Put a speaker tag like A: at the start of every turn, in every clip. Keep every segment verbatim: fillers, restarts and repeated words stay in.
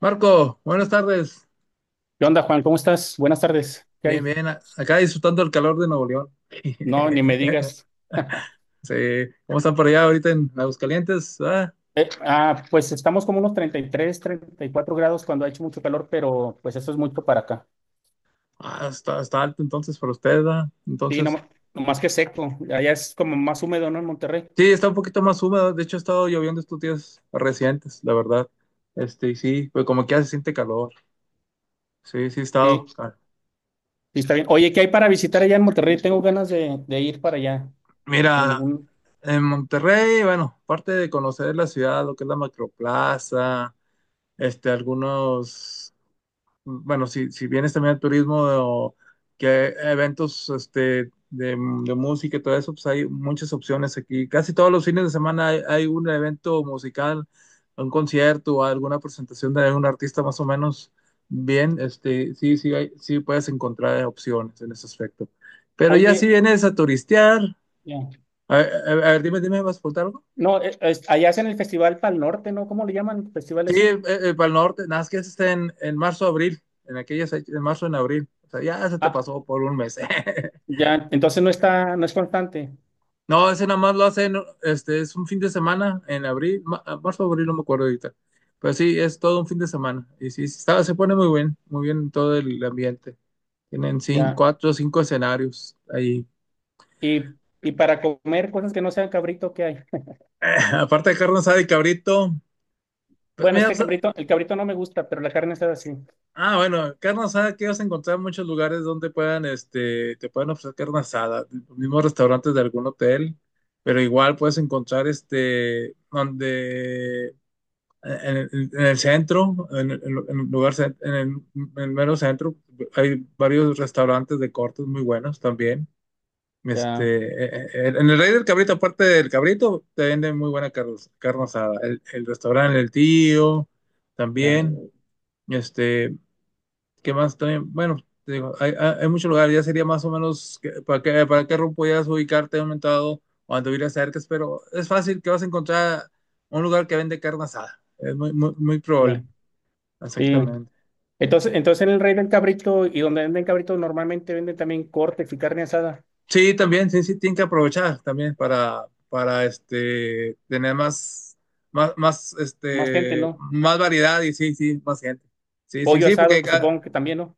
A: Marco, buenas tardes.
B: ¿Qué onda, Juan? ¿Cómo estás? Buenas tardes. ¿Qué
A: Bien,
B: hay?
A: bien. a- Acá disfrutando el calor de Nuevo León.
B: No, ni me digas.
A: Sí, ¿cómo están por allá ahorita en Aguascalientes? Ah,
B: Eh, ah, pues estamos como unos treinta treinta y tres, treinta y cuatro grados cuando ha hecho mucho calor, pero pues eso es mucho para acá.
A: ah, está, está alto entonces para ustedes, ¿verdad?
B: Sí, no,
A: Entonces,
B: más que seco. Allá es como más húmedo, ¿no? En Monterrey.
A: sí, está un poquito más húmedo. De hecho, ha estado lloviendo estos días recientes, la verdad. Este, y sí, pues como que ya se siente calor. Sí, sí, ha
B: Sí,
A: estado.
B: sí,
A: cal-
B: está bien. Oye, ¿qué hay para visitar allá en Monterrey? Tengo ganas de, de ir para allá. En
A: Mira,
B: un-
A: en Monterrey, bueno, aparte de conocer la ciudad, lo que es la Macroplaza, este, algunos, bueno, si, si vienes también al turismo o que eventos, este, de, de música y todo eso, pues hay muchas opciones aquí. Casi todos los fines de semana hay, hay un evento musical, un concierto o alguna presentación de algún artista más o menos bien. Este, sí, sí, hay- sí puedes encontrar opciones en ese aspecto. Pero ya si
B: Oye,
A: vienes a turistear,
B: ya.
A: a, a- a ver, dime, dime, ¿vas a preguntar algo?
B: No, eh, es- allá hacen el Festival Pal Norte, ¿no? ¿Cómo le llaman? ¿Festival
A: Sí,
B: ese?
A: eh, eh, para el norte, nada más que está en, en marzo, abril, en aquellas, fech- en marzo, en abril. O sea, ya se te
B: Ah,
A: pasó por un mes.
B: ya. Entonces no está, no es constante.
A: No, ese nada más lo hacen, este, es un fin de semana en abril, ma- ah, marzo, abril, no me acuerdo ahorita. Pero sí, es todo un fin de semana. Y sí, sí, está, se pone muy bien, muy bien todo el ambiente. Tienen cinco,
B: Ya.
A: cuatro o cinco escenarios ahí.
B: Y, y para comer cosas que no sean cabrito, ¿qué hay?
A: Aparte de carne asada y cabrito, pues
B: Bueno,
A: mira,
B: este
A: pues,
B: cabrito, el cabrito no me gusta, pero la carne está así.
A: ah, bueno, carne asada que vas a encontrar en muchos lugares donde puedan, este, te pueden ofrecer carne asada, los mismos restaurantes de algún hotel, pero igual puedes encontrar, este, donde, en, en- en el centro, en, en- en el lugar, cen- en el, en el, mero centro, hay varios restaurantes de cortes muy buenos también.
B: Ya,
A: Este, eh, eh, en el Rey del Cabrito, aparte del Cabrito, te venden muy buena carne, carne asada. El, el restaurante El Tío,
B: ya,
A: también. Este, ¿qué más también? Bueno, te digo, hay, hay, hay muchos lugares, ya sería más o menos que- para qué, para qué rumbo podías ubicarte aumentado o momento cuando cerca, pero es fácil que vas a encontrar un lugar que vende carne asada. Es muy, muy, muy
B: ya.
A: probable,
B: Sí.
A: exactamente.
B: Entonces, entonces en el Rey del Cabrito y donde venden cabrito normalmente venden también cortes y carne asada.
A: Sí, también, sí, sí, tienen que aprovechar también para, para este, tener más, más, más,
B: Más gente,
A: este,
B: ¿no?
A: más variedad y sí, sí, más gente. Sí, sí,
B: Pollo
A: sí,
B: asado,
A: porque ca-
B: supongo que también, ¿no?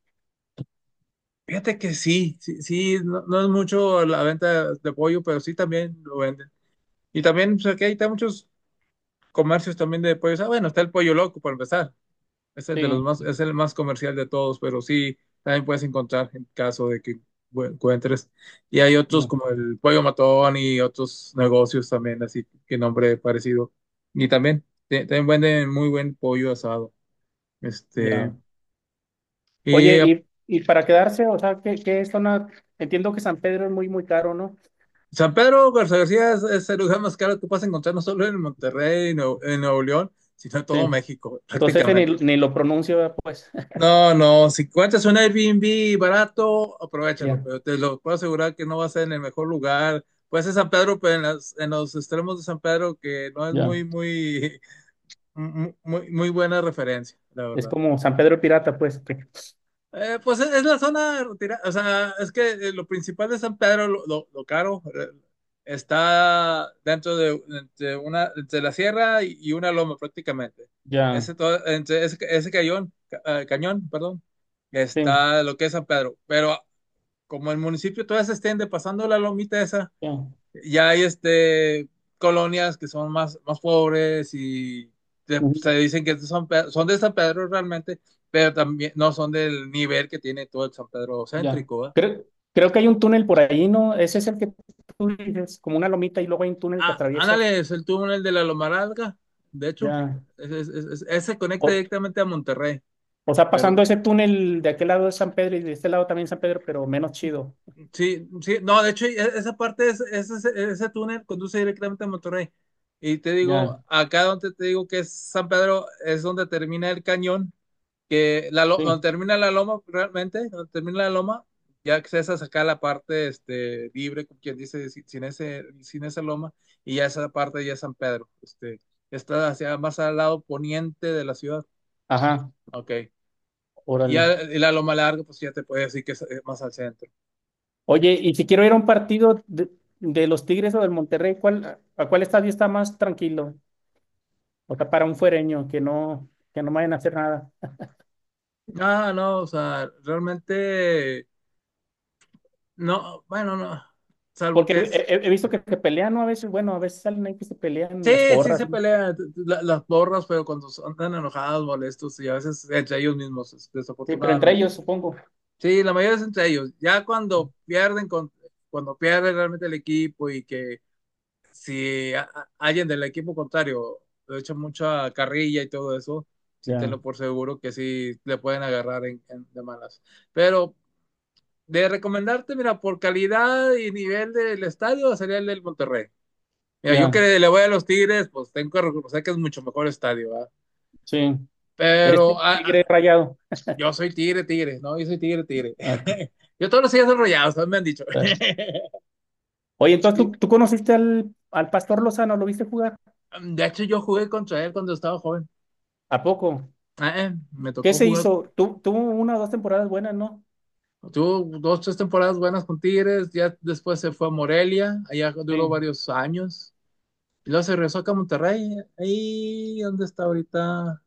A: fíjate que sí, sí, sí, no, no es mucho la venta de pollo, pero sí también lo venden. Y también, pues aquí hay hay muchos comercios también de pollos. Ah, bueno, está el pollo loco para empezar. Es el de
B: Sí,
A: los más, es el más comercial de todos, pero sí, también puedes encontrar en caso de que bu- encuentres. Y hay otros
B: ya,
A: como el pollo matón y otros negocios también, así que nombre parecido. Y también, te- también venden muy buen pollo asado.
B: ya.
A: Este, y
B: Oye,
A: eh,
B: y, y para quedarse, o sea, que, que es zona, entiendo que San Pedro es muy, muy caro, ¿no?
A: San Pedro Garza García es, es el lugar más caro que puedes encontrar no solo en Monterrey, en Nuevo en Nuevo León, sino en
B: Sí.
A: todo México,
B: Entonces ese ni,
A: prácticamente.
B: ni lo pronuncio, ¿verdad? Pues.
A: No, no, si encuentras un Airbnb barato, aprovechalo,
B: Ya,
A: pero te lo puedo asegurar que no va a ser en el mejor lugar. Puede ser San Pedro, pero en, las- en los extremos de San Pedro, que no es
B: ya.
A: muy, muy, muy, muy buena referencia, la
B: Es
A: verdad.
B: como San Pedro Pirata, pues. que-
A: Eh, pues es, es la zona retirada, o sea, es que eh, lo principal de San Pedro, lo, lo- lo caro, eh, está dentro de, entre una, entre la sierra y, y una loma prácticamente.
B: Ya.
A: Ese, to- entre ese, ese cañón, ca- eh, cañón, perdón,
B: Sí,
A: está lo que es San Pedro, pero como el municipio todavía se extiende pasando la lomita esa,
B: ya.
A: ya hay este, colonias que son más, más pobres y te-
B: Ujú,
A: se dicen que son, pe- son de San Pedro realmente, pero también no son del nivel que tiene todo el San Pedro
B: ya.
A: céntrico, ¿va?
B: Creo, creo que hay un túnel por ahí, ¿no? Ese es el que tú dices, como una lomita y luego hay un túnel que
A: Ah,
B: atraviesas.
A: ándale, es el túnel de la Lomaralga, de hecho,
B: Ya.
A: ese es- es- es- ese conecta
B: O,
A: directamente a Monterrey,
B: o sea,
A: pero
B: pasando ese túnel de aquel lado de San Pedro y de este lado también San Pedro, pero menos chido.
A: sí, sí, no, de hecho, e- esa parte, es, es- es- ese túnel conduce directamente a Monterrey. Y te
B: Ya,
A: digo, acá donde te digo que es San Pedro, es donde termina el cañón, que la, lo-
B: sí.
A: donde termina la loma, realmente, donde termina la loma, ya accesas acá a sacar la parte este, libre, como quien dice, si- sin ese, sin esa loma, y ya esa parte ya es San Pedro. Este, está hacia más al lado poniente de la ciudad.
B: Ajá,
A: Ok. Y
B: órale.
A: ya y la loma larga, pues ya te puede decir que es eh, más al centro.
B: Oye, y si quiero ir a un partido de, de los Tigres o del Monterrey, ¿cuál, a cuál estadio está más tranquilo? O sea, para un fuereño que no, que no vayan a hacer nada.
A: Ah, no, o sea, realmente, no, bueno, no, salvo
B: Porque
A: que es.
B: he, he- he visto que se pelean, ¿no? A veces, bueno, a veces salen ahí que se pelean las
A: Sí, sí
B: porras,
A: se
B: ¿no?
A: pelean t- t- la- las borras, pero cuando son- tan enojados, molestos y a veces entre ellos mismos, des-
B: Sí, pero entre
A: desafortunadamente.
B: ellos, supongo.
A: Sí, la mayoría es entre ellos. Ya cuando pierden, con- cuando pierde realmente el equipo y que si a- a- alguien del equipo contrario le echa mucha carrilla y todo eso, sí
B: Ya,
A: tenlo por seguro que sí le pueden agarrar en, en- de malas. Pero de recomendarte, mira, por calidad y nivel del estadio sería el del Monterrey. Mira, yo
B: ya,
A: que le voy a los Tigres, pues tengo que reconocer que es mucho mejor estadio, ¿verdad?
B: sí. Eres
A: Pero
B: ti-
A: ah,
B: tigre
A: ah,
B: rayado.
A: yo soy Tigre, Tigre, ¿no? Yo soy Tigre, Tigre.
B: Ah, ok,
A: Yo todos los días soy Rayados, me han dicho.
B: está bien. Oye, entonces ¿tú,
A: Sí.
B: tú conociste al, al Pastor Lozano? ¿Lo viste jugar?
A: De hecho, yo jugué contra él cuando estaba joven.
B: ¿A poco?
A: Ah, Eh, me
B: ¿Qué
A: tocó
B: se
A: jugar.
B: hizo? Tu- tuvo una o dos temporadas buenas, ¿no?
A: Tuvo dos, tres temporadas buenas con Tigres. Ya después se fue a Morelia. Allá duró
B: Sí,
A: varios años. Y luego se regresó acá a Monterrey. Ahí, ¿dónde está ahorita?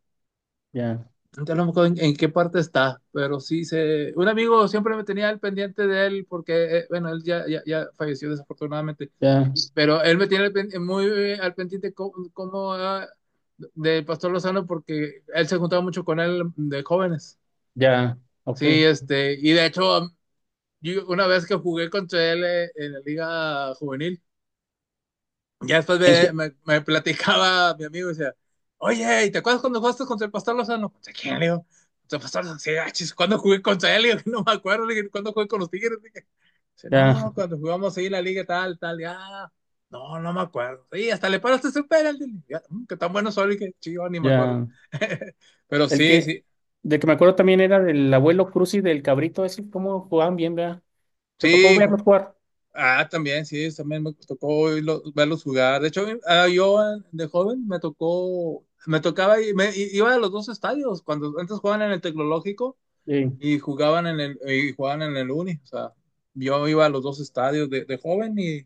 B: ya,
A: Ya no me acuerdo en, en qué parte está, pero sí se... Un amigo siempre me tenía al pendiente de él porque, eh, bueno, él ya, ya, ya falleció desafortunadamente,
B: ya,
A: y- pero él me tiene al pen- muy eh, al pendiente co- como, ah, del Pastor Lozano porque él se juntaba mucho con él de jóvenes.
B: ya, ok.
A: Sí, este, y de hecho, yo una vez que jugué contra él eh, en la liga juvenil, ya después
B: ¿En
A: me,
B: qué?
A: me, me platicaba mi amigo y decía, oye, ¿y te acuerdas cuando jugaste contra el Pastor Lozano? ¿Contra quién, le digo? Contra el Pastor Lozano. Sí, ah, chis, ¿cuándo jugué contra él? Le digo, no me acuerdo, le dije, ¿cuándo jugué con los Tigres? Le dije, dice,
B: Ya,
A: no, cuando jugamos ahí en la liga tal, tal, ya. No, no me acuerdo. Sí, hasta le paraste su penalti. Ya, mm, que tan bueno soy, que chido, ni me acuerdo.
B: ya.
A: Pero
B: El
A: sí,
B: que,
A: sí,
B: de que me acuerdo también era del abuelo Cruz y del cabrito, ese, cómo jugaban bien, ¿verdad? ¿Te tocó
A: sí,
B: verlos
A: ju-
B: jugar?
A: ah, también, sí, también me tocó oírlo- verlos jugar. De hecho, ah, yo eh, de joven me tocó, me tocaba y me y- iba a los dos estadios. Cuando antes jugaban en el Tecnológico
B: Sí.
A: y jugaban en el y jugaban en el Uni. O sea, yo iba a los dos estadios de, de joven y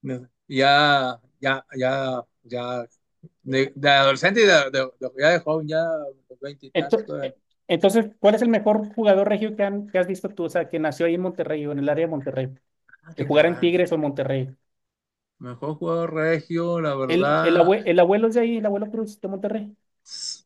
A: me- ya, ya, ya, ya de, de adolescente y de, de- de- ya de joven, ya los veinte y tantos
B: Ento-
A: todavía.
B: eh, Entonces, ¿cuál es el mejor jugador regio que, han- que has visto tú? O sea, que nació ahí en Monterrey o en el área de Monterrey,
A: Ah,
B: que
A: qué
B: jugara en
A: carajo.
B: Tigres o en Monterrey.
A: Mejor jugador regio, la
B: El, el,
A: verdad.
B: abue- el abuelo es de ahí, el abuelo Cruz de Monterrey.
A: S-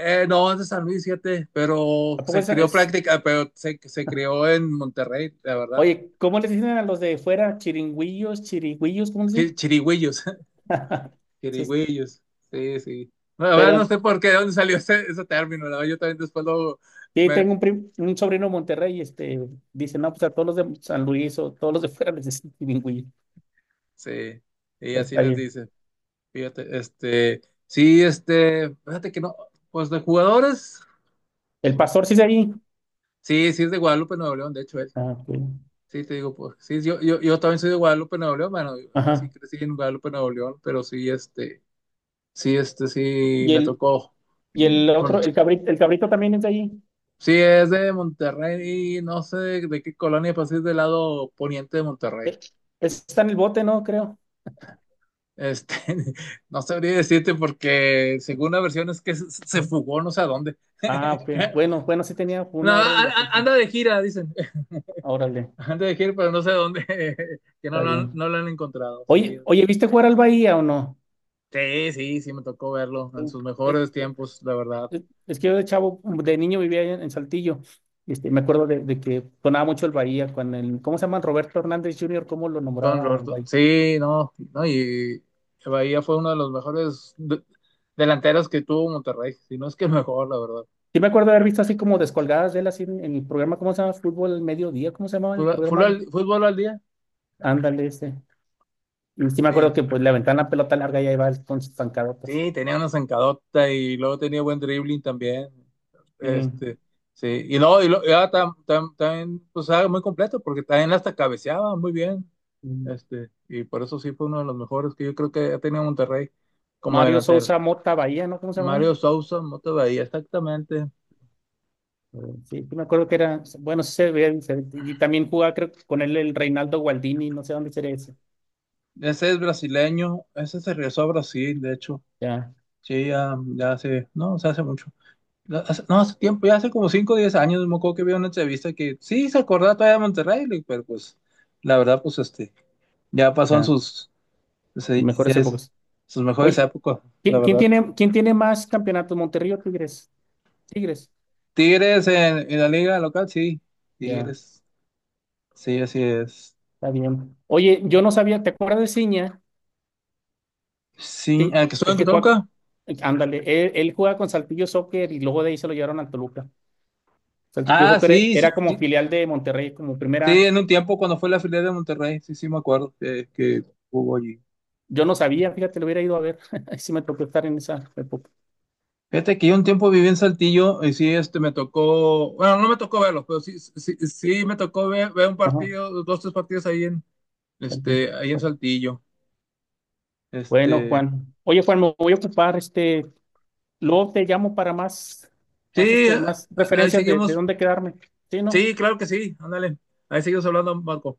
A: Eh, no, es de San Luis, fíjate, pero
B: ¿A poco
A: se
B: es,
A: creó
B: es-
A: práctica, pero se, se creó en Monterrey, la verdad.
B: Oye, ¿cómo les dicen a los de fuera? Chiringüillos, chirigüillos, ¿cómo les
A: Chi-
B: dicen?
A: Chirigüillos,
B: Sí,
A: chirigüillos, sí, sí. No, la verdad
B: pero
A: no sé por qué, de dónde salió ese, ese término, la verdad, yo también después lo,
B: sí,
A: me,
B: tengo un, prim- un sobrino de Monterrey y este, dice, no, pues a todos los de San Luis o todos los de fuera les dicen chiringüillos.
A: sí, y
B: Pero
A: así
B: está
A: les
B: bien.
A: dice, fíjate, este, sí, este, fíjate que no, pues de jugadores,
B: El
A: no.
B: pastor sí es de ahí.
A: Sí, sí es de Guadalupe, Nuevo León, de hecho, él.
B: Ah, ok.
A: Sí, te digo, pues, sí, yo, yo, yo también soy de Guadalupe, Nuevo León, bueno, yo así
B: Ajá.
A: crecí en Guadalupe, Nuevo León, pero sí, este, sí, este sí
B: Y
A: me
B: el,
A: tocó.
B: y el
A: Mm,
B: otro,
A: Con,
B: el cabrito, el cabrito también es de ahí.
A: sí, es de Monterrey, no sé de qué colonia, pero sí es del lado poniente de Monterrey.
B: Eh, Está en el bote, ¿no? Creo.
A: Este, no sabría decirte porque según la versión es que se, se fugó no sé a dónde.
B: Ah, ok. Bueno, bueno, sí tenía
A: No, a-
B: una orden de
A: a-
B: aprehensión.
A: anda de gira, dicen.
B: Órale,
A: Anda de gira, pero no sé a dónde, que no
B: está
A: lo han,
B: bien.
A: no lo han encontrado. Sí,
B: Oye, oye, ¿viste jugar al Bahía o no?
A: sí, sí, sí me tocó verlo en sus
B: Es,
A: mejores tiempos, la verdad.
B: es- es que yo de chavo, de niño vivía en, en Saltillo. Este, me acuerdo de, de que sonaba mucho el Bahía con el, ¿cómo se llama? Roberto Hernández junior, ¿cómo lo
A: Con
B: nombraba el
A: Roberto.
B: Bahía?
A: Sí, no, no, y Bahía fue uno de los mejores de- delanteros que tuvo Monterrey, si no es que el mejor, la verdad.
B: Sí me acuerdo de haber visto así como descolgadas de él así en, en el programa, ¿cómo se llama? Fútbol al mediodía, ¿cómo se llamaba el
A: Fula- Fútbol,
B: programa?
A: al fútbol al día,
B: Ándale, ese. Y sí me
A: sí.
B: acuerdo que pues le aventaban la pelota larga y ahí va él con sus pancadotas.
A: Sí, tenía una zancadota y luego tenía buen dribbling también.
B: Sí.
A: Este, sí, y luego, y luego- y ahora tam- tam- también, pues era muy completo, porque también hasta cabeceaba muy bien.
B: Mm.
A: Este, y por eso sí fue uno de los mejores que yo creo que ha tenido Monterrey como
B: Mario
A: delantero.
B: Sousa Mota Bahía, ¿no? ¿Cómo se llamaba?
A: Mario Sousa, Mota Bahía, exactamente.
B: Eh, Sí, sí me acuerdo que era, bueno, sí se veía diferente. Y también jugaba, creo que con él el Reinaldo Gualdini, no sé dónde sería ese.
A: Ese es brasileño, ese se regresó a Brasil, de hecho.
B: Ya,
A: Sí, ya, ya hace, no, o sea, hace mucho. No, hace, no, hace tiempo, ya hace como cinco, o diez años, me acuerdo que vi una entrevista que sí se acordaba todavía de Monterrey, le- pero pues la verdad, pues este, ya pasó en
B: ya,
A: sus, se- ya
B: mejores
A: es-
B: épocas.
A: sus mejores
B: Oye,
A: épocas, la
B: ¿quién, quién
A: verdad.
B: tiene, quién tiene más campeonatos, Monterrey o Tigres? Tigres.
A: Tigres en, en la liga local, sí,
B: Ya,
A: Tigres, sí, así es.
B: está bien. Oye, yo no sabía, ¿te acuerdas de Ciña?
A: Sí,
B: Sí,
A: ¿a que estuvo
B: el
A: en
B: que juega,
A: Toluca?
B: ándale, él, él jugaba con Saltillo Soccer y luego de ahí se lo llevaron al Toluca. O sea, pienso
A: Ah,
B: que era
A: sí,
B: era
A: sí,
B: como
A: sí,
B: filial de Monterrey, como
A: sí,
B: primera.
A: en un tiempo cuando fue la filial de Monterrey, sí, sí, me acuerdo que, que hubo allí.
B: Yo no sabía, fíjate, lo hubiera ido a ver. Ahí sí me tocó estar en esa época.
A: Fíjate que yo un tiempo viví en Saltillo y sí, este, me tocó, bueno, no me tocó verlos, pero sí, sí, sí sí me tocó ver, ver, un
B: Ajá,
A: partido, dos, tres partidos ahí en,
B: Saltillo.
A: este, ahí en Saltillo.
B: Bueno,
A: Este,
B: Juan. Oye, Juan, me voy a ocupar, este, luego te llamo para más,
A: sí,
B: más, este,
A: eh,
B: más
A: ahí
B: referencias de, de
A: seguimos,
B: dónde quedarme. Sí, ¿no?
A: sí, claro que sí, ándale, ahí seguimos hablando, Marco.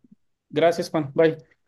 B: Gracias, Juan. Bye.